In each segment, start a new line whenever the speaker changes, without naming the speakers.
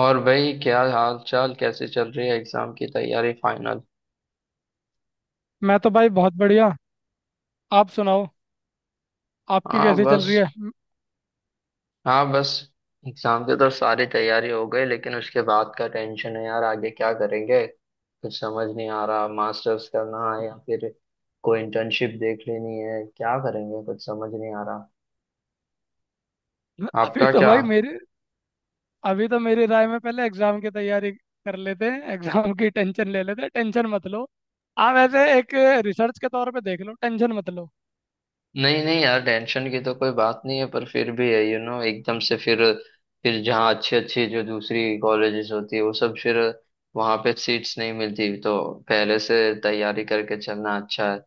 और भाई, क्या हाल चाल? कैसे चल रही है एग्जाम की तैयारी, फाइनल?
मैं तो भाई बहुत बढ़िया। आप सुनाओ। आपकी
हाँ
कैसी चल
बस।
रही है?
हाँ बस। एग्जाम की तो सारी तैयारी हो गई, लेकिन उसके बाद का टेंशन है यार, आगे क्या करेंगे कुछ समझ नहीं आ रहा। मास्टर्स करना है या फिर कोई इंटर्नशिप देख लेनी है, क्या करेंगे कुछ समझ नहीं आ रहा।
अभी
आपका
तो
क्या?
भाई मेरे, अभी तो मेरी राय में पहले एग्जाम की तैयारी कर लेते हैं, एग्जाम की टेंशन ले लेते हैं। टेंशन मत लो। आप ऐसे एक रिसर्च के तौर पे देख लो, टेंशन मत लो।
नहीं नहीं यार, टेंशन की तो कोई बात नहीं है, पर फिर भी है। यू you नो know, एकदम से फिर, जहाँ अच्छी अच्छी जो दूसरी कॉलेजेस होती है वो सब, फिर वहाँ पे सीट्स नहीं मिलती, तो पहले से तैयारी करके चलना अच्छा है।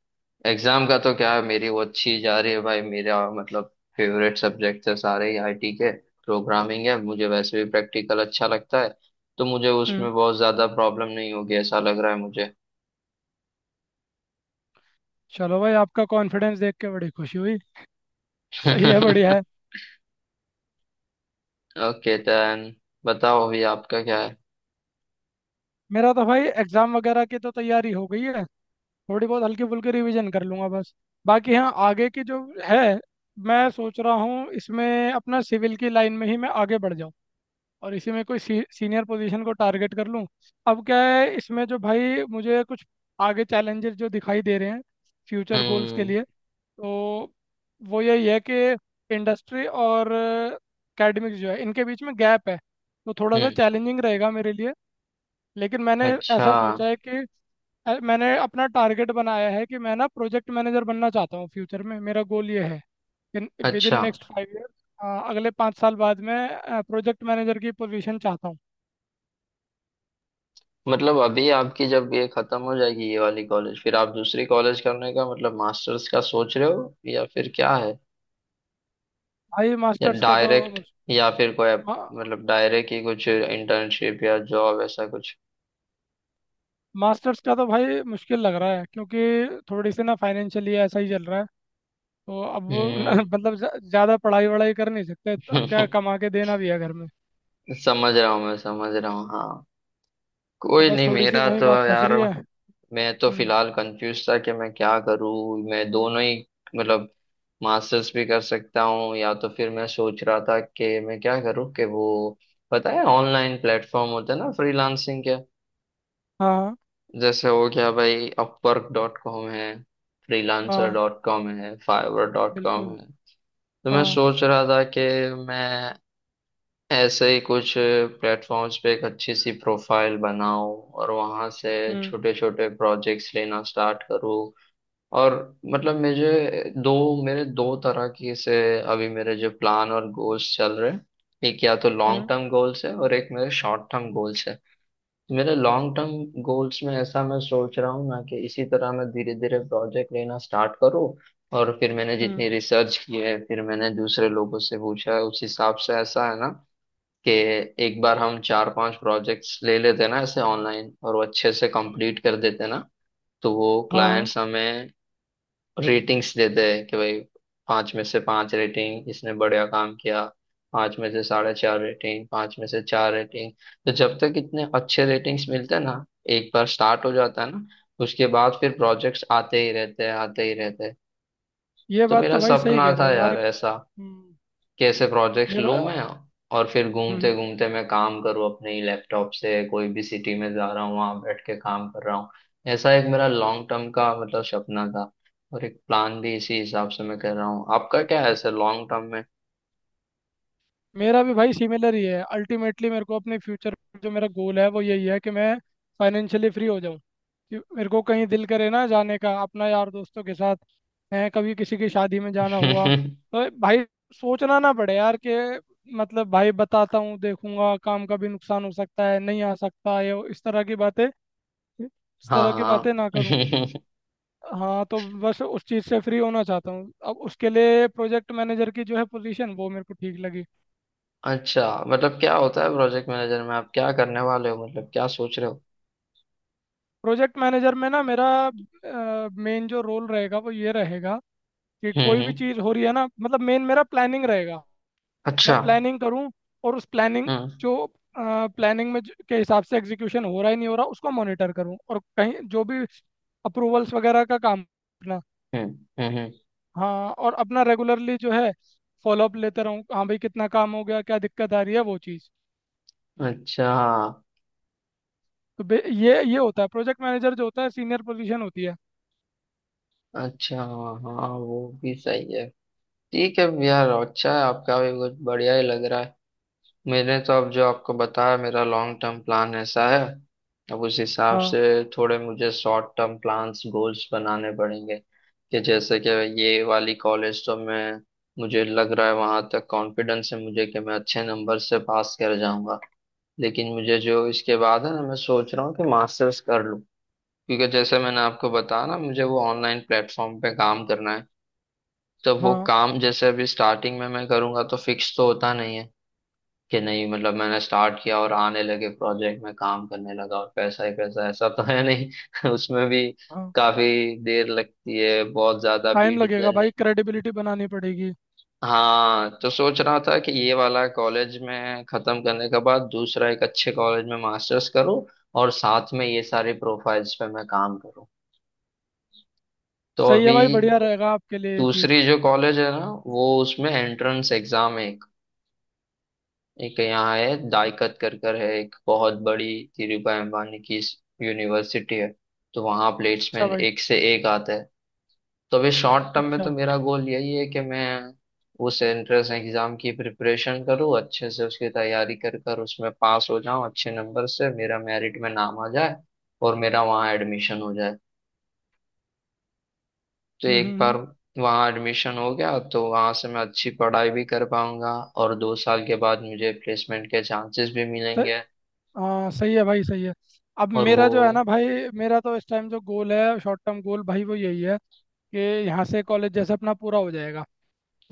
एग्जाम का तो क्या है, मेरी वो अच्छी जा रही है भाई। मेरा मतलब फेवरेट सब्जेक्ट है सारे ही आईटी के, प्रोग्रामिंग है। मुझे वैसे भी प्रैक्टिकल अच्छा लगता है, तो मुझे
हम्म।
उसमें बहुत ज्यादा प्रॉब्लम नहीं होगी ऐसा लग रहा है मुझे।
चलो भाई, आपका कॉन्फिडेंस देख के बड़ी खुशी हुई। सही है, बढ़िया है।
ओके देन, बताओ अभी आपका क्या है?
मेरा तो भाई एग्जाम वगैरह की तो तैयारी हो गई है। थोड़ी बहुत हल्की फुल्की रिवीजन कर लूंगा बस। बाकी हाँ, आगे की जो है, मैं सोच रहा हूँ इसमें अपना सिविल की लाइन में ही मैं आगे बढ़ जाऊँ और इसी में कोई सीनियर पोजीशन को टारगेट कर लूँ। अब क्या है इसमें, जो भाई मुझे कुछ आगे चैलेंजेस जो दिखाई दे रहे हैं फ्यूचर गोल्स के
हम्म
लिए, तो वो यही है कि इंडस्ट्री और एकेडमिक्स जो है, इनके बीच में गैप है। तो थोड़ा सा
हम्म,
चैलेंजिंग रहेगा मेरे लिए। लेकिन मैंने
अच्छा,
ऐसा सोचा है कि मैंने अपना टारगेट बनाया है कि मैं ना प्रोजेक्ट मैनेजर बनना चाहता हूँ। फ्यूचर में मेरा गोल ये है कि विद इन
अच्छा।
नेक्स्ट 5 ईयर्स, अगले 5 साल बाद मैं प्रोजेक्ट मैनेजर की पोजीशन चाहता हूँ।
मतलब अभी आपकी जब ये खत्म हो जाएगी ये वाली कॉलेज, फिर आप दूसरी कॉलेज करने का मतलब मास्टर्स का सोच रहे हो, या फिर क्या है?
भाई
या
मास्टर्स का तो
डायरेक्ट? या फिर कोई
मा,
मतलब डायरेक्ट ही कुछ इंटर्नशिप या जॉब, ऐसा कुछ?
मास्टर्स का तो भाई मुश्किल लग रहा है क्योंकि थोड़ी सी ना फाइनेंशियली ऐसा ही चल रहा है। तो अब वो
हम्म।
मतलब ज़्यादा पढ़ाई वढ़ाई कर नहीं सकते। तो अब क्या, कमा के देना भी है घर में।
समझ रहा हूँ मैं, समझ रहा हूँ, हाँ।
तो
कोई
बस
नहीं,
थोड़ी सी
मेरा
वही
तो
बात फंस
यार।
रही है।
मैं तो
हम्म।
फिलहाल कंफ्यूज था कि मैं क्या करूँ। मैं दोनों ही, मतलब मास्टर्स भी कर सकता हूँ, या तो फिर मैं सोच रहा था कि मैं क्या करूँ कि वो, पता है ऑनलाइन प्लेटफॉर्म होते हैं ना फ्रीलांसिंग के,
हाँ
जैसे हो गया भाई, अपवर्क डॉट कॉम है, फ्रीलांसर
हाँ,
डॉट कॉम है, फाइवर डॉट कॉम
बिल्कुल।
है। तो मैं
हाँ।
सोच रहा था कि मैं ऐसे ही कुछ प्लेटफॉर्म्स पे एक अच्छी सी प्रोफाइल बनाऊं, और वहां से
हम्म।
छोटे छोटे प्रोजेक्ट्स लेना स्टार्ट करूं। और मतलब मुझे दो, मेरे दो तरह की से, अभी मेरे जो प्लान और गोल्स चल रहे हैं, एक या तो लॉन्ग
हम्म।
टर्म गोल्स है और एक मेरे शॉर्ट टर्म गोल्स है। मेरे लॉन्ग टर्म गोल्स में ऐसा मैं सोच रहा हूँ ना कि इसी तरह मैं धीरे धीरे प्रोजेक्ट लेना स्टार्ट करूँ। और फिर मैंने
हम्म।
जितनी रिसर्च की है, फिर मैंने दूसरे लोगों से पूछा है, उस हिसाब से ऐसा है ना कि एक बार हम चार पांच प्रोजेक्ट्स ले लेते ना ऐसे ऑनलाइन, और वो अच्छे से कंप्लीट कर देते ना, तो वो
हाँ।
क्लाइंट्स हमें रेटिंग्स देते हैं कि भाई पाँच में से पाँच रेटिंग, इसने बढ़िया काम किया। पाँच में से साढ़े चार रेटिंग, पाँच में से चार रेटिंग। तो जब तक इतने अच्छे रेटिंग्स मिलते हैं ना, एक बार स्टार्ट हो जाता है ना, उसके बाद फिर प्रोजेक्ट्स आते ही रहते हैं, आते ही रहते हैं।
ये
तो
बात
मेरा
तो भाई सही
सपना
कह रहे
था
हो
यार
मार्क।
ऐसा,
हम्म,
कैसे प्रोजेक्ट्स
ये
लूँ मैं।
बात।
और फिर घूमते
हम्म।
घूमते मैं काम करूँ अपने ही लैपटॉप से, कोई भी सिटी में जा रहा हूँ वहाँ बैठ के काम कर रहा हूँ, ऐसा एक मेरा लॉन्ग टर्म का मतलब सपना था। और एक प्लान भी इसी हिसाब से मैं कर रहा हूँ। आपका क्या है सर लॉन्ग टर्म में?
मेरा भी भाई सिमिलर ही है। अल्टीमेटली मेरे को अपने फ्यूचर, जो मेरा गोल है वो यही है कि मैं फाइनेंशियली फ्री हो जाऊँ। कि मेरे को कहीं दिल करे ना जाने का अपना यार दोस्तों के साथ, है कभी किसी की शादी में जाना हुआ, तो भाई सोचना ना पड़े यार कि मतलब भाई बताता हूँ, देखूंगा, काम का भी नुकसान हो सकता है, नहीं आ सकता, इस तरह की बातें, इस
हाँ
तरह की बातें
हाँ।
ना करूँ। हाँ, तो बस उस चीज़ से फ्री होना चाहता हूँ। अब उसके लिए प्रोजेक्ट मैनेजर की जो है पोजीशन, वो मेरे को ठीक लगी।
अच्छा, मतलब क्या होता है प्रोजेक्ट मैनेजर में, आप क्या करने वाले हो, मतलब क्या सोच रहे हो?
प्रोजेक्ट मैनेजर में ना मेरा मेन जो रोल रहेगा वो ये रहेगा कि
हम्म
कोई भी
हम्म,
चीज़ हो रही है ना, मतलब मेन मेरा प्लानिंग रहेगा। मैं
अच्छा।
प्लानिंग करूँ और उस प्लानिंग,
हम्म
जो प्लानिंग में के हिसाब से एग्जीक्यूशन हो रहा है नहीं हो रहा, उसको मॉनिटर करूँ। और कहीं जो भी अप्रूवल्स वगैरह का काम अपना,
हम्म। हम्म हम्म,
हाँ, और अपना रेगुलरली जो है फॉलोअप लेते रहूँ। हाँ भाई, कितना काम हो गया, क्या दिक्कत आ रही है, वो चीज़।
अच्छा।
तो ये होता है। प्रोजेक्ट मैनेजर जो होता है, सीनियर पोजीशन होती है।
अच्छा हाँ हाँ, वो भी सही है। ठीक है यार, अच्छा है, आपका भी कुछ बढ़िया ही लग रहा है। मैंने तो अब जो आपको बताया मेरा लॉन्ग टर्म प्लान ऐसा है। अब उस हिसाब
हाँ
से थोड़े मुझे शॉर्ट टर्म प्लान्स गोल्स बनाने पड़ेंगे, कि जैसे कि ये वाली कॉलेज तो मैं, मुझे लग रहा है वहां तक कॉन्फिडेंस है मुझे कि मैं अच्छे नंबर से पास कर जाऊंगा। लेकिन मुझे जो इसके बाद है ना, मैं सोच रहा हूँ कि मास्टर्स कर लूँ, क्योंकि जैसे मैंने आपको बताया ना, मुझे वो ऑनलाइन प्लेटफॉर्म पे काम करना है, तो वो
हाँ
काम जैसे अभी स्टार्टिंग में मैं करूंगा तो फिक्स तो होता नहीं है कि नहीं, मतलब मैंने स्टार्ट किया और आने लगे प्रोजेक्ट में, काम करने लगा और पैसा ही पैसा, ऐसा तो है नहीं। उसमें भी
हाँ।
काफी देर लगती है, बहुत ज्यादा
टाइम
भीड़
लगेगा
जर्नी।
भाई, क्रेडिबिलिटी बनानी पड़ेगी।
हाँ, तो सोच रहा था कि ये वाला कॉलेज में खत्म करने के बाद दूसरा एक अच्छे कॉलेज में मास्टर्स करूँ, और साथ में ये सारे प्रोफाइल्स पे मैं काम करूँ। तो
सही
अभी
है भाई, बढ़िया रहेगा आपके लिए ये चीज़।
दूसरी जो कॉलेज है ना, वो उसमें एंट्रेंस एग्जाम है। एक यहाँ है दाइकत कर कर है, एक बहुत बड़ी धीरूभाई अंबानी की यूनिवर्सिटी है, तो वहाँ
अच्छा
प्लेसमेंट
भाई।
एक से एक आता है। तो अभी शॉर्ट टर्म में
अच्छा।
तो मेरा गोल यही है कि मैं उस एंट्रेंस एग्जाम की प्रिपरेशन करूँ अच्छे से, उसकी तैयारी कर कर उसमें पास हो जाऊँ अच्छे नंबर से, मेरा मेरिट में नाम आ जाए और मेरा वहाँ एडमिशन हो जाए। तो एक बार
हम्म।
वहाँ एडमिशन हो गया तो वहाँ से मैं अच्छी पढ़ाई भी कर पाऊंगा और दो साल के बाद मुझे प्लेसमेंट के चांसेस भी
सही।
मिलेंगे।
हाँ सही है भाई, सही है। अब
और वो,
मेरा जो है ना भाई, मेरा तो इस टाइम जो गोल है शॉर्ट टर्म गोल भाई, वो यही है कि यहाँ से कॉलेज जैसे अपना पूरा हो जाएगा,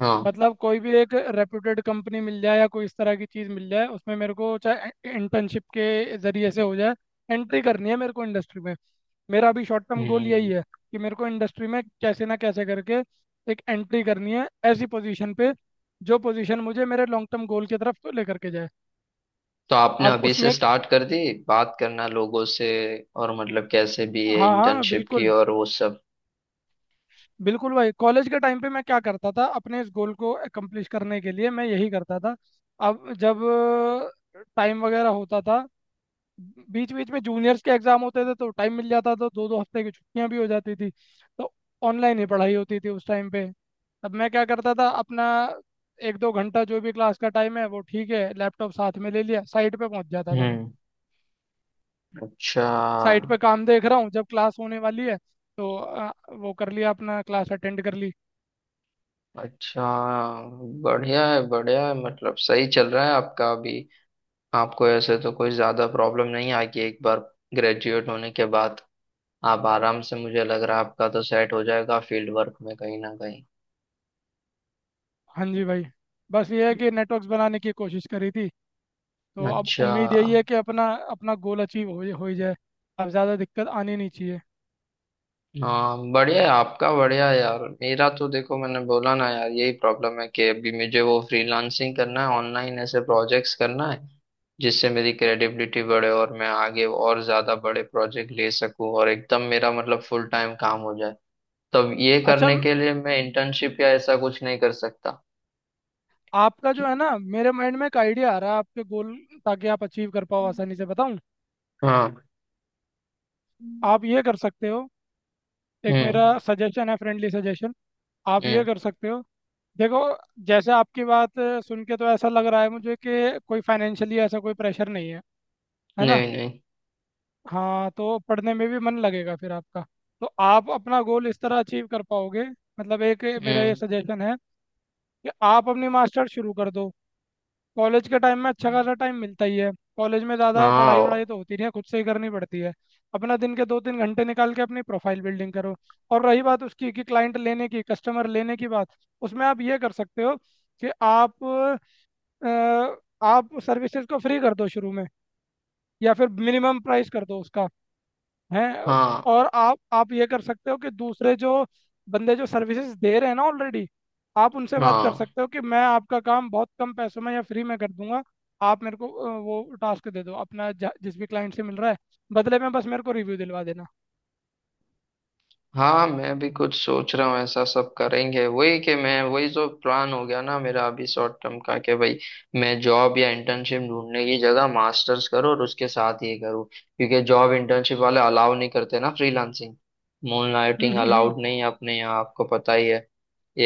हाँ।
मतलब कोई भी एक रेप्यूटेड कंपनी मिल जाए या कोई इस तरह की चीज़ मिल जाए उसमें, मेरे को चाहे इंटर्नशिप के ज़रिए से हो जाए, एंट्री करनी है मेरे को इंडस्ट्री में। मेरा अभी शॉर्ट टर्म गोल यही
हम्म।
है कि मेरे को इंडस्ट्री में कैसे ना कैसे करके एक एंट्री करनी है ऐसी पोजीशन पे, जो पोजीशन मुझे मेरे लॉन्ग टर्म गोल की तरफ लेकर के जाए।
तो आपने
अब
अभी से
उसमें,
स्टार्ट कर दी बात करना लोगों से, और मतलब कैसे भी है
हाँ हाँ
इंटर्नशिप की
बिल्कुल।
और वो सब।
बिल्कुल भाई, कॉलेज के टाइम पे मैं क्या करता था अपने इस गोल को अकम्प्लिश करने के लिए, मैं यही करता था। अब जब टाइम वगैरह होता था, बीच बीच में जूनियर्स के एग्जाम होते थे तो टाइम मिल जाता था, दो दो हफ्ते की छुट्टियां भी हो जाती थी, तो ऑनलाइन ही पढ़ाई होती थी उस टाइम पे। तब मैं क्या करता था अपना, 1-2 घंटा जो भी क्लास का टाइम है वो ठीक है, लैपटॉप साथ में ले लिया, साइट पे पहुंच जाता था मैं।
हम्म, अच्छा,
साइट पे काम देख रहा हूँ, जब क्लास होने वाली है तो वो कर लिया, अपना क्लास अटेंड कर ली।
अच्छा। बढ़िया है, बढ़िया है, मतलब सही चल रहा है आपका अभी। आपको ऐसे तो कोई ज्यादा प्रॉब्लम नहीं आएगी एक बार ग्रेजुएट होने के बाद, आप आराम से, मुझे लग रहा है आपका तो सेट हो जाएगा फील्ड वर्क में कहीं ना कहीं।
हाँ जी भाई। बस ये है कि नेटवर्क्स बनाने की कोशिश करी थी, तो अब
अच्छा।
उम्मीद यही है कि अपना, अपना गोल अचीव हो ही जाए। अब ज़्यादा दिक्कत आनी नहीं चाहिए।
हाँ बढ़िया है आपका, बढ़िया है यार। मेरा तो देखो, मैंने बोला ना यार यही प्रॉब्लम है कि अभी मुझे वो फ्रीलांसिंग करना है, ऑनलाइन ऐसे प्रोजेक्ट्स करना है जिससे मेरी क्रेडिबिलिटी बढ़े और मैं आगे और ज्यादा बड़े प्रोजेक्ट ले सकूं, और एकदम मेरा मतलब फुल टाइम काम हो जाए। तब ये
अच्छा।
करने के लिए मैं इंटर्नशिप या ऐसा कुछ नहीं कर सकता।
आपका जो है ना, मेरे माइंड में एक आइडिया आ रहा है आपके गोल, ताकि आप अचीव कर पाओ आसानी से, बताऊं?
हाँ।
आप ये कर सकते हो। एक मेरा
हम्म
सजेशन है, फ्रेंडली सजेशन। आप ये
हम्म।
कर सकते हो। देखो, जैसे आपकी बात सुन के तो ऐसा लग रहा है मुझे कि कोई फाइनेंशियली ऐसा कोई प्रेशर नहीं है, है ना?
नहीं नहीं।
हाँ, तो पढ़ने में भी मन लगेगा फिर आपका। तो आप अपना गोल इस तरह अचीव कर पाओगे। मतलब एक मेरा
हम्म।
ये सजेशन है कि आप अपनी मास्टर्स शुरू कर दो। कॉलेज के टाइम में अच्छा खासा टाइम मिलता ही है। कॉलेज में ज़्यादा पढ़ाई
हाँ
वढ़ाई तो होती नहीं है, खुद से ही करनी पड़ती है। अपना दिन के 2-3 घंटे निकाल के अपनी प्रोफाइल बिल्डिंग करो। और रही बात उसकी कि क्लाइंट लेने की कस्टमर लेने की बात, उसमें आप ये कर सकते हो कि आप अ, आप सर्विसेज को फ्री कर दो शुरू में, या फिर मिनिमम प्राइस कर दो उसका। हैं।
हाँ।
और आप ये कर सकते हो कि दूसरे जो बंदे जो सर्विसेज दे रहे हैं ना ऑलरेडी, आप उनसे बात कर
हाँ।
सकते हो कि मैं आपका काम बहुत कम पैसों में या फ्री में कर दूंगा। आप मेरे को वो टास्क दे दो अपना, जिस भी क्लाइंट से मिल रहा है, बदले में बस मेरे को रिव्यू दिलवा देना।
हाँ मैं भी कुछ सोच रहा हूँ, ऐसा सब करेंगे वही, कि मैं वही जो प्लान हो गया ना मेरा अभी शॉर्ट टर्म का, कि भाई मैं जॉब या इंटर्नशिप ढूंढने की जगह मास्टर्स करूँ और उसके साथ ये करूँ, क्योंकि जॉब इंटर्नशिप वाले अलाउ नहीं करते ना फ्रीलांसिंग। मूनलाइटिंग
हम्म।
अलाउड नहीं है अपने यहाँ, आपको पता ही है,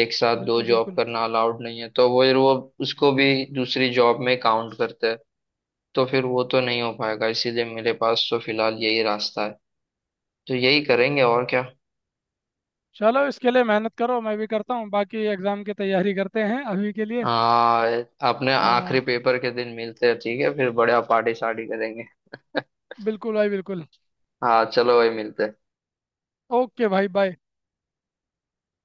एक साथ दो
बिल्कुल
जॉब
बिल्कुल।
करना अलाउड नहीं है। तो वो उसको भी दूसरी जॉब में काउंट करते हैं, तो फिर वो तो नहीं हो पाएगा, इसीलिए मेरे पास तो फिलहाल यही रास्ता है, तो यही करेंगे और क्या।
चलो, इसके लिए मेहनत करो, मैं भी करता हूँ। बाकी एग्ज़ाम की तैयारी करते हैं अभी के लिए।
हाँ। अपने
हाँ
आखिरी पेपर के दिन मिलते हैं ठीक है, फिर बढ़िया पार्टी शार्टी करेंगे।
बिल्कुल भाई, बिल्कुल।
हाँ चलो भाई, मिलते हैं।
ओके भाई, बाय।